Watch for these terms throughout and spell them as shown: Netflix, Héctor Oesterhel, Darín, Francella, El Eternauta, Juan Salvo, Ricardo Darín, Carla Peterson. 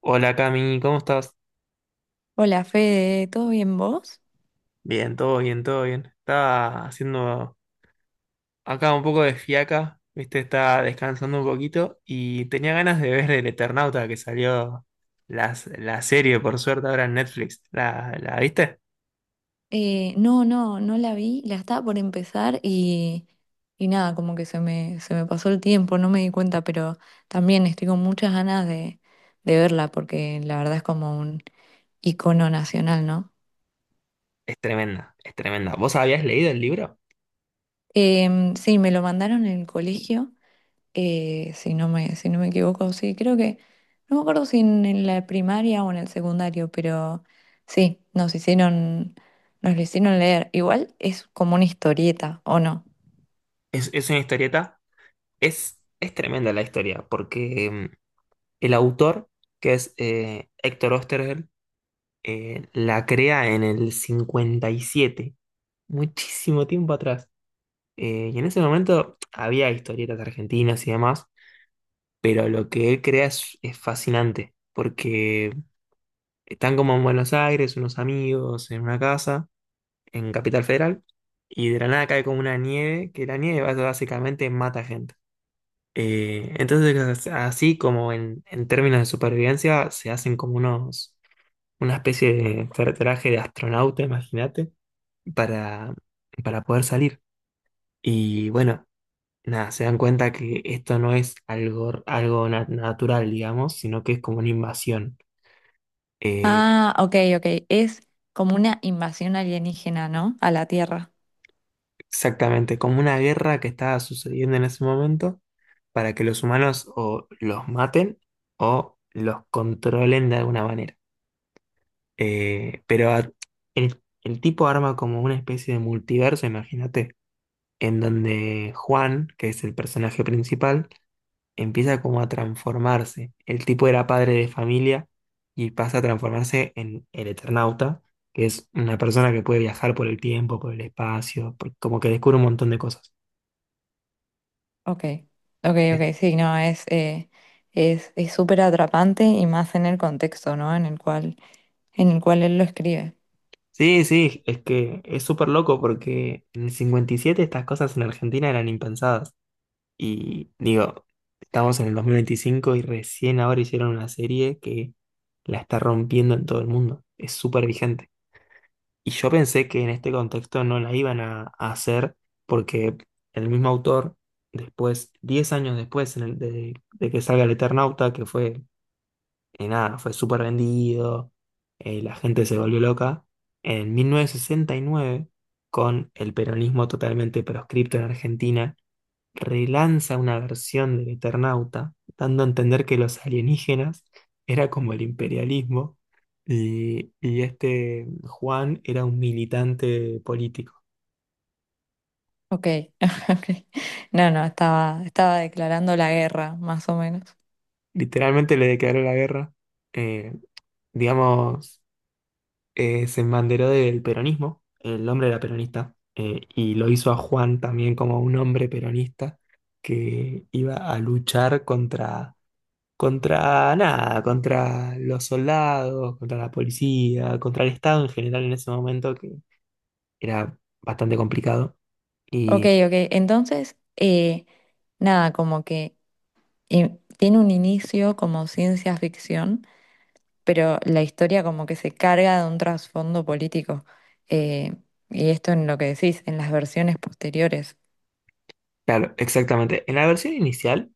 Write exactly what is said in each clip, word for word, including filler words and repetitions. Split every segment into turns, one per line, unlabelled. Hola Cami, ¿cómo estás?
Hola Fede, ¿todo bien vos?
Bien, todo bien, todo bien. Estaba haciendo acá un poco de fiaca, viste, estaba descansando un poquito y tenía ganas de ver El Eternauta que salió la, la serie, por suerte, ahora en Netflix. ¿La, la viste?
Eh, no, no, no la vi, la estaba por empezar y, y nada, como que se me, se me pasó el tiempo, no me di cuenta, pero también estoy con muchas ganas de, de verla porque la verdad es como un icono nacional, ¿no?
Es tremenda, es tremenda. ¿Vos habías leído el libro?
Em, sí, me lo mandaron en el colegio, eh, si no me, si no me equivoco, sí, creo que, no me acuerdo si en, en la primaria o en el secundario, pero sí, nos hicieron, nos lo hicieron leer. Igual es como una historieta, ¿o no?
Es, es una historieta. Es, es tremenda la historia porque mm, el autor, que es eh, Héctor Oesterhel, eh, la crea en el cincuenta y siete, muchísimo tiempo atrás. Eh, y en ese momento había historietas argentinas y demás, pero lo que él crea es, es fascinante, porque están como en Buenos Aires, unos amigos, en una casa, en Capital Federal, y de la nada cae como una nieve, que la nieve bas- básicamente mata gente. Eh, entonces, así como en, en términos de supervivencia, se hacen como unos, una especie de tra- traje de astronauta, imagínate, para, para poder salir. Y bueno, nada, se dan cuenta que esto no es algo, algo na- natural, digamos, sino que es como una invasión. Eh,
Ah, ok, ok, es como una invasión alienígena, ¿no? A la Tierra.
exactamente, como una guerra que estaba sucediendo en ese momento para que los humanos o los maten o los controlen de alguna manera. Eh, pero a- el, el tipo arma como una especie de multiverso, imagínate, en donde Juan, que es el personaje principal, empieza como a transformarse. El tipo era padre de familia y pasa a transformarse en el Eternauta, que es una persona que puede viajar por el tiempo, por el espacio, por- como que descubre un montón de cosas.
Ok, ok, ok, sí, no, es, eh, es, es súper atrapante y más en el contexto, ¿no? En el cual, en el cual él lo escribe.
Sí, sí, es que es súper loco porque en el cincuenta y siete estas cosas en Argentina eran impensadas. Y digo, estamos en el dos mil veinticinco y recién ahora hicieron una serie que la está rompiendo en todo el mundo. Es súper vigente. Y yo pensé que en este contexto no la iban a, a hacer porque el mismo autor, después, diez años después en el- de, de que salga El Eternauta, que fue, eh, nada, fue súper vendido, eh, la gente se volvió loca, en mil novecientos sesenta y nueve, con el peronismo totalmente proscripto en Argentina, relanza una versión del Eternauta, dando a entender que los alienígenas era como el imperialismo y, y este Juan era un militante político.
Ok, ok. No, no, estaba, estaba declarando la guerra, más o menos.
Literalmente le declaró la guerra, eh, digamos, eh, se embanderó del peronismo, el hombre era peronista, eh, y lo hizo a Juan también como un hombre peronista que iba a luchar contra contra nada, contra los soldados, contra la policía, contra el Estado en general en ese momento, que era bastante complicado.
Ok,
Y
ok. Entonces, eh, nada, como que eh, tiene un inicio como ciencia ficción, pero la historia como que se carga de un trasfondo político. Eh, y esto en lo que decís, en las versiones posteriores.
claro, exactamente. En la versión inicial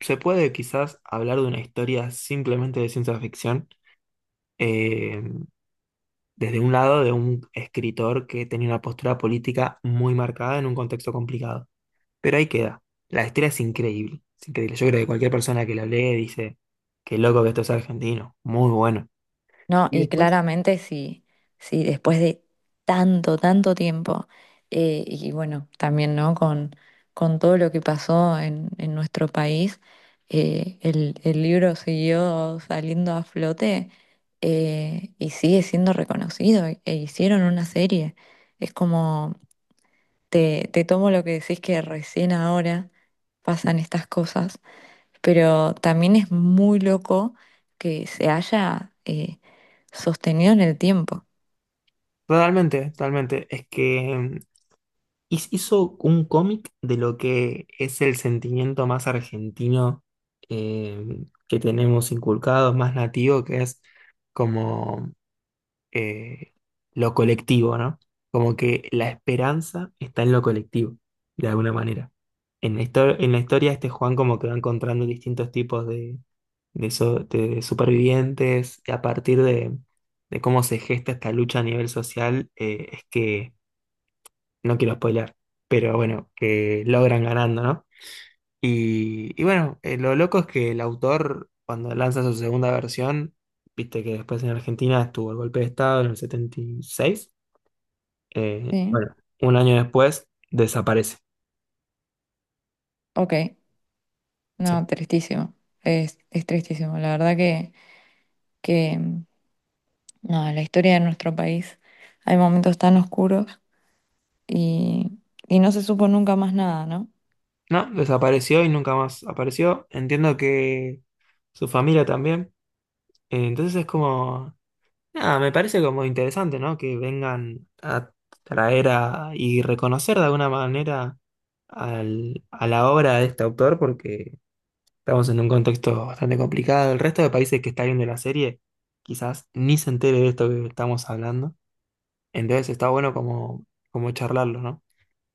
se puede quizás hablar de una historia simplemente de ciencia ficción, eh, desde un lado de un escritor que tenía una postura política muy marcada en un contexto complicado. Pero ahí queda. La historia es increíble, es increíble. Yo creo que cualquier persona que la lee dice, qué loco que esto es argentino, muy bueno.
No,
Y
y
después.
claramente sí, sí, después de tanto, tanto tiempo, eh, y bueno, también, ¿no? Con, con todo lo que pasó en, en nuestro país, eh, el, el libro siguió saliendo a flote, eh, y sigue siendo reconocido, e e hicieron una serie. Es como, te, te tomo lo que decís que recién ahora pasan estas cosas, pero también es muy loco que se haya eh, sostenido en el tiempo.
Totalmente, totalmente. Es que mm, his- hizo un cómic de lo que es el sentimiento más argentino, eh, que tenemos inculcado, más nativo, que es como, eh, lo colectivo, ¿no? Como que la esperanza está en lo colectivo, de alguna manera. En la histo- en la historia este Juan como que va encontrando distintos tipos de, de so- de supervivientes y a partir de, de cómo se gesta esta lucha a nivel social, eh, es que no quiero spoilear, pero bueno, que logran ganando, ¿no? Y, y bueno, eh, lo loco es que el autor, cuando lanza su segunda versión, viste que después en Argentina estuvo el golpe de Estado en el setenta y seis, eh,
Sí,
bueno, un año después desaparece.
ok,
Sí.
no, tristísimo, es, es tristísimo, la verdad que, que mm, no, la historia de nuestro país, hay momentos tan oscuros y, y no se supo nunca más nada, ¿no?
No, desapareció y nunca más apareció. Entiendo que su familia también. Eh, Entonces es como, nada, me parece como interesante, ¿no? Que vengan a traer a, y reconocer de alguna manera al- a la obra de este autor, porque estamos en un contexto bastante complicado. El resto de países que está viendo la serie quizás ni se entere de esto que estamos hablando. Entonces está bueno como, como charlarlo, ¿no?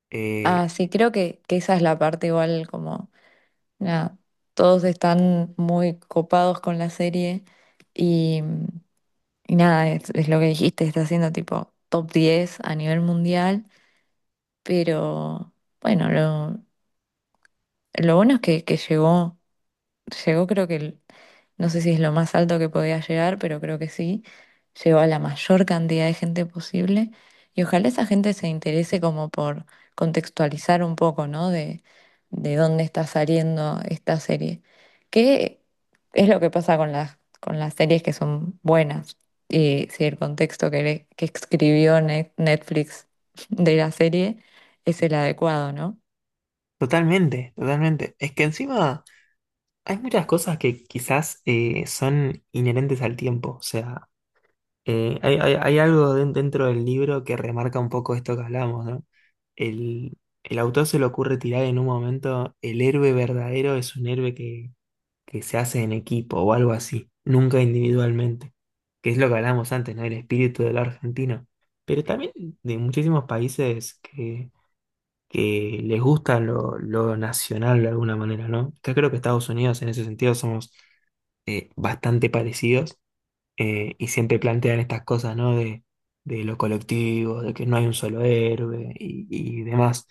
Eh,
Ah, sí, creo que, que esa es la parte igual como, nada, todos están muy copados con la serie y mm, Y nada, es, es lo que dijiste, está haciendo tipo top diez a nivel mundial, pero bueno, lo, lo bueno es que, que llegó, llegó creo que, el- no sé si es lo más alto que podía llegar, pero creo que sí, llegó a la mayor cantidad de gente posible y ojalá esa gente se interese como por contextualizar un poco, ¿no? De, de dónde está saliendo esta serie. ¿Qué es lo que pasa con las, con las series que son buenas? Y si el contexto que, le- que escribió Ne- Netflix de la serie es el adecuado, ¿no?
totalmente, totalmente. Es que encima hay muchas cosas que quizás eh, son inherentes al tiempo. O sea, Eh, hay, hay- hay algo den- dentro del libro que remarca un poco esto que hablamos, ¿no? El, el autor se le ocurre tirar en un momento, el héroe verdadero es un héroe que, que se hace en equipo o algo así, nunca individualmente, que es lo que hablamos antes, ¿no? El espíritu del argentino, pero también de muchísimos países que, que les gusta lo, lo nacional de alguna manera, ¿no? Acá creo que Estados Unidos en ese sentido somos eh, bastante parecidos, eh, y siempre plantean estas cosas, ¿no? De, de lo colectivo, de que no hay un solo héroe y, y demás.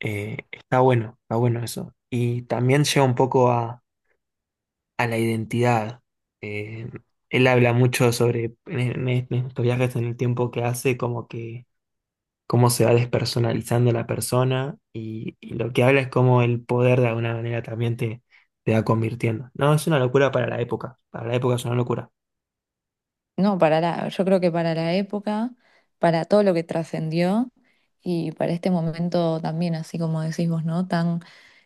Eh, está bueno, está bueno eso. Y también lleva un poco a, a la identidad. Eh, él habla mucho sobre, en, e, en- e, en estos viajes en el tiempo que hace, como que cómo se va despersonalizando la persona y, y lo que habla es cómo el poder de alguna manera también te, te va convirtiendo. No, es una locura para la época. Para la época es una locura.
No, para la, yo creo que para la época, para todo lo que trascendió y para este momento también, así como decís vos, ¿no? Tan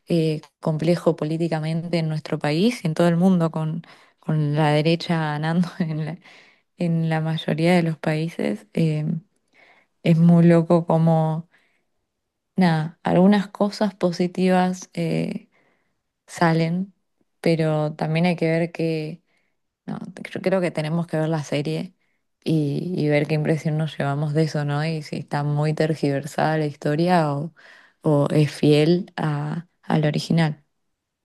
eh, complejo políticamente en nuestro país y en todo el mundo, con, con la derecha ganando en la, en la mayoría de los países, eh, es muy loco como, nada, algunas cosas positivas eh, salen, pero también hay que ver que no, te- creo, creo que tenemos que ver la serie y, y ver qué impresión nos llevamos de eso, ¿no? Y si está muy tergiversada la historia o, o es fiel a, al original.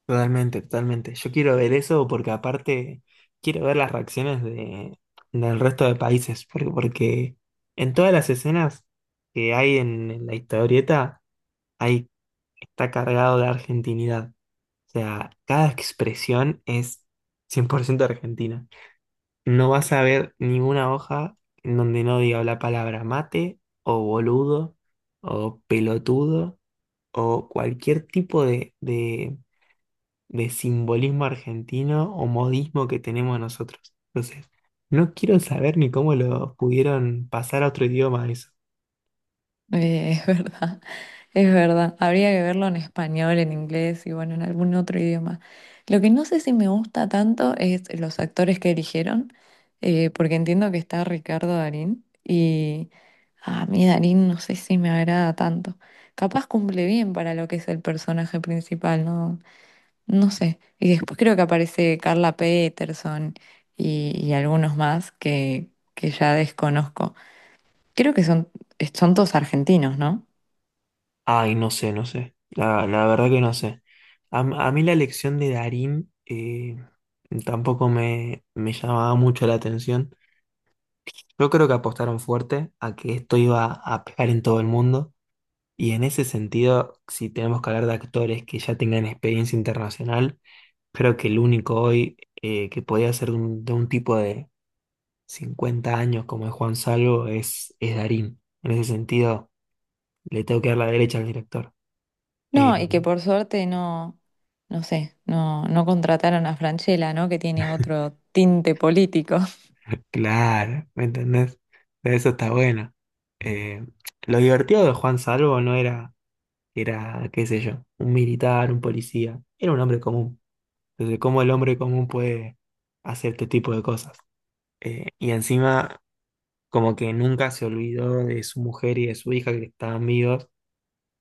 Totalmente, totalmente. Yo quiero ver eso porque aparte quiero ver las reacciones de, del resto de países, porque, porque en todas las escenas que hay en, en la historieta hay, está cargado de argentinidad. O sea, cada expresión es cien por ciento argentina. No vas a ver ninguna hoja en donde no diga la palabra mate o boludo o pelotudo o cualquier tipo de, de de simbolismo argentino o modismo que tenemos nosotros. Entonces, no quiero saber ni cómo lo pudieron pasar a otro idioma eso.
Eh, es verdad, es verdad. Habría que verlo en español, en inglés y bueno, en algún otro idioma. Lo que no sé si me gusta tanto es los actores que eligieron, eh, porque entiendo que está Ricardo Darín y a mí Darín no sé si me agrada tanto. Capaz cumple bien para lo que es el personaje principal, no, no sé. Y después creo que aparece Carla Peterson y, y algunos más que, que ya desconozco. Creo que son, son todos argentinos, ¿no?
Ay, no sé, no sé. La, la verdad que no sé. A, a mí la lección de Darín, eh, tampoco me, me llamaba mucho la atención. Yo creo que apostaron fuerte a que esto iba a pegar en todo el mundo. Y en ese sentido, si tenemos que hablar de actores que ya tengan experiencia internacional, creo que el único hoy, eh, que podía ser de un, de un tipo de cincuenta años como es Juan Salvo es, es Darín. En ese sentido, le tengo que dar la derecha al director. Eh,
No, y que por suerte no, no sé, no, no contrataron a Francella, ¿no? Que tiene otro tinte político.
claro, ¿me entendés? De eso está bueno. Eh, lo divertido de Juan Salvo no era, era, qué sé yo, un militar, un policía, era un hombre común. Entonces, ¿cómo el hombre común puede hacer este tipo de cosas? Eh, y encima, como que nunca se olvidó de su mujer y de su hija que estaban vivos.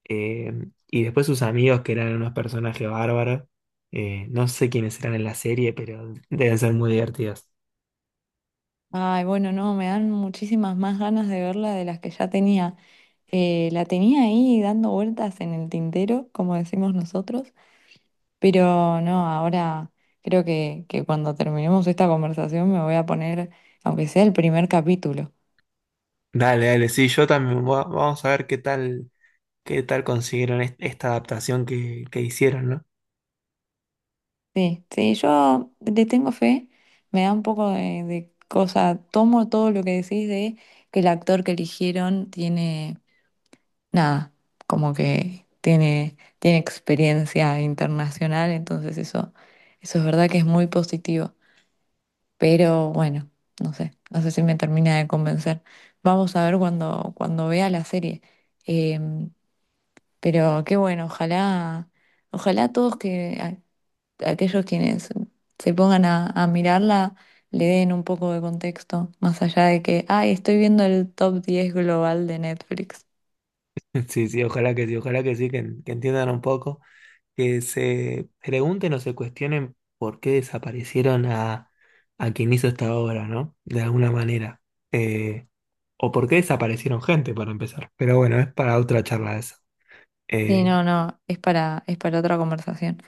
eh, y después sus amigos, que eran unos personajes bárbaros. Eh, no sé quiénes eran en la serie, pero deben ser muy divertidos.
Ay, bueno, no, me dan muchísimas más ganas de verla de las que ya tenía. Eh, la tenía ahí dando vueltas en el tintero, como decimos nosotros, pero no, ahora creo que, que cuando terminemos esta conversación me voy a poner, aunque sea el primer capítulo.
Dale, dale, sí, yo también. va- Vamos a ver qué tal, qué tal consiguieron es- esta adaptación que, que hicieron, ¿no?
Sí, sí, yo le tengo fe, me da un poco de, de cosa, tomo todo lo que decís de que el actor que eligieron tiene, nada, como que tiene, tiene experiencia internacional, entonces eso, eso es verdad que es muy positivo, pero bueno, no sé, no sé si me termina de convencer. Vamos a ver cuando, cuando vea la serie. Em, pero qué bueno, ojalá, ojalá todos que aquellos quienes se pongan a, a mirarla le den un poco de contexto, más allá de que, ay, estoy viendo el top diez global de Netflix.
Sí, sí, ojalá que sí, ojalá que sí, que, en- que entiendan un poco. Que se pregunten o se cuestionen por qué desaparecieron a, a quien hizo esta obra, ¿no? De alguna manera. Eh, o por qué desaparecieron gente, para empezar. Pero bueno, es para otra charla eso.
Sí,
Eh,
no, no, es para, es para otra conversación.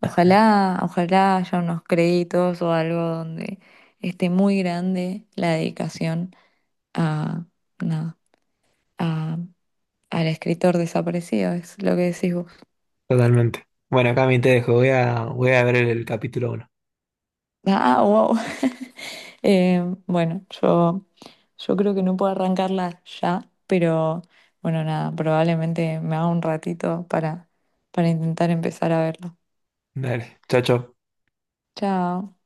Ojalá, ojalá haya unos créditos o algo donde esté muy grande la dedicación a, nada, a, al escritor desaparecido, es lo que decís vos.
totalmente. Bueno, Cami, te dejo. Voy a, voy a ver el capítulo uno.
Ah, wow. Eh, bueno, yo, yo creo que no puedo arrancarla ya, pero bueno, nada, probablemente me haga un ratito para, para intentar empezar a verlo.
Dale, chao, chao.
Chao.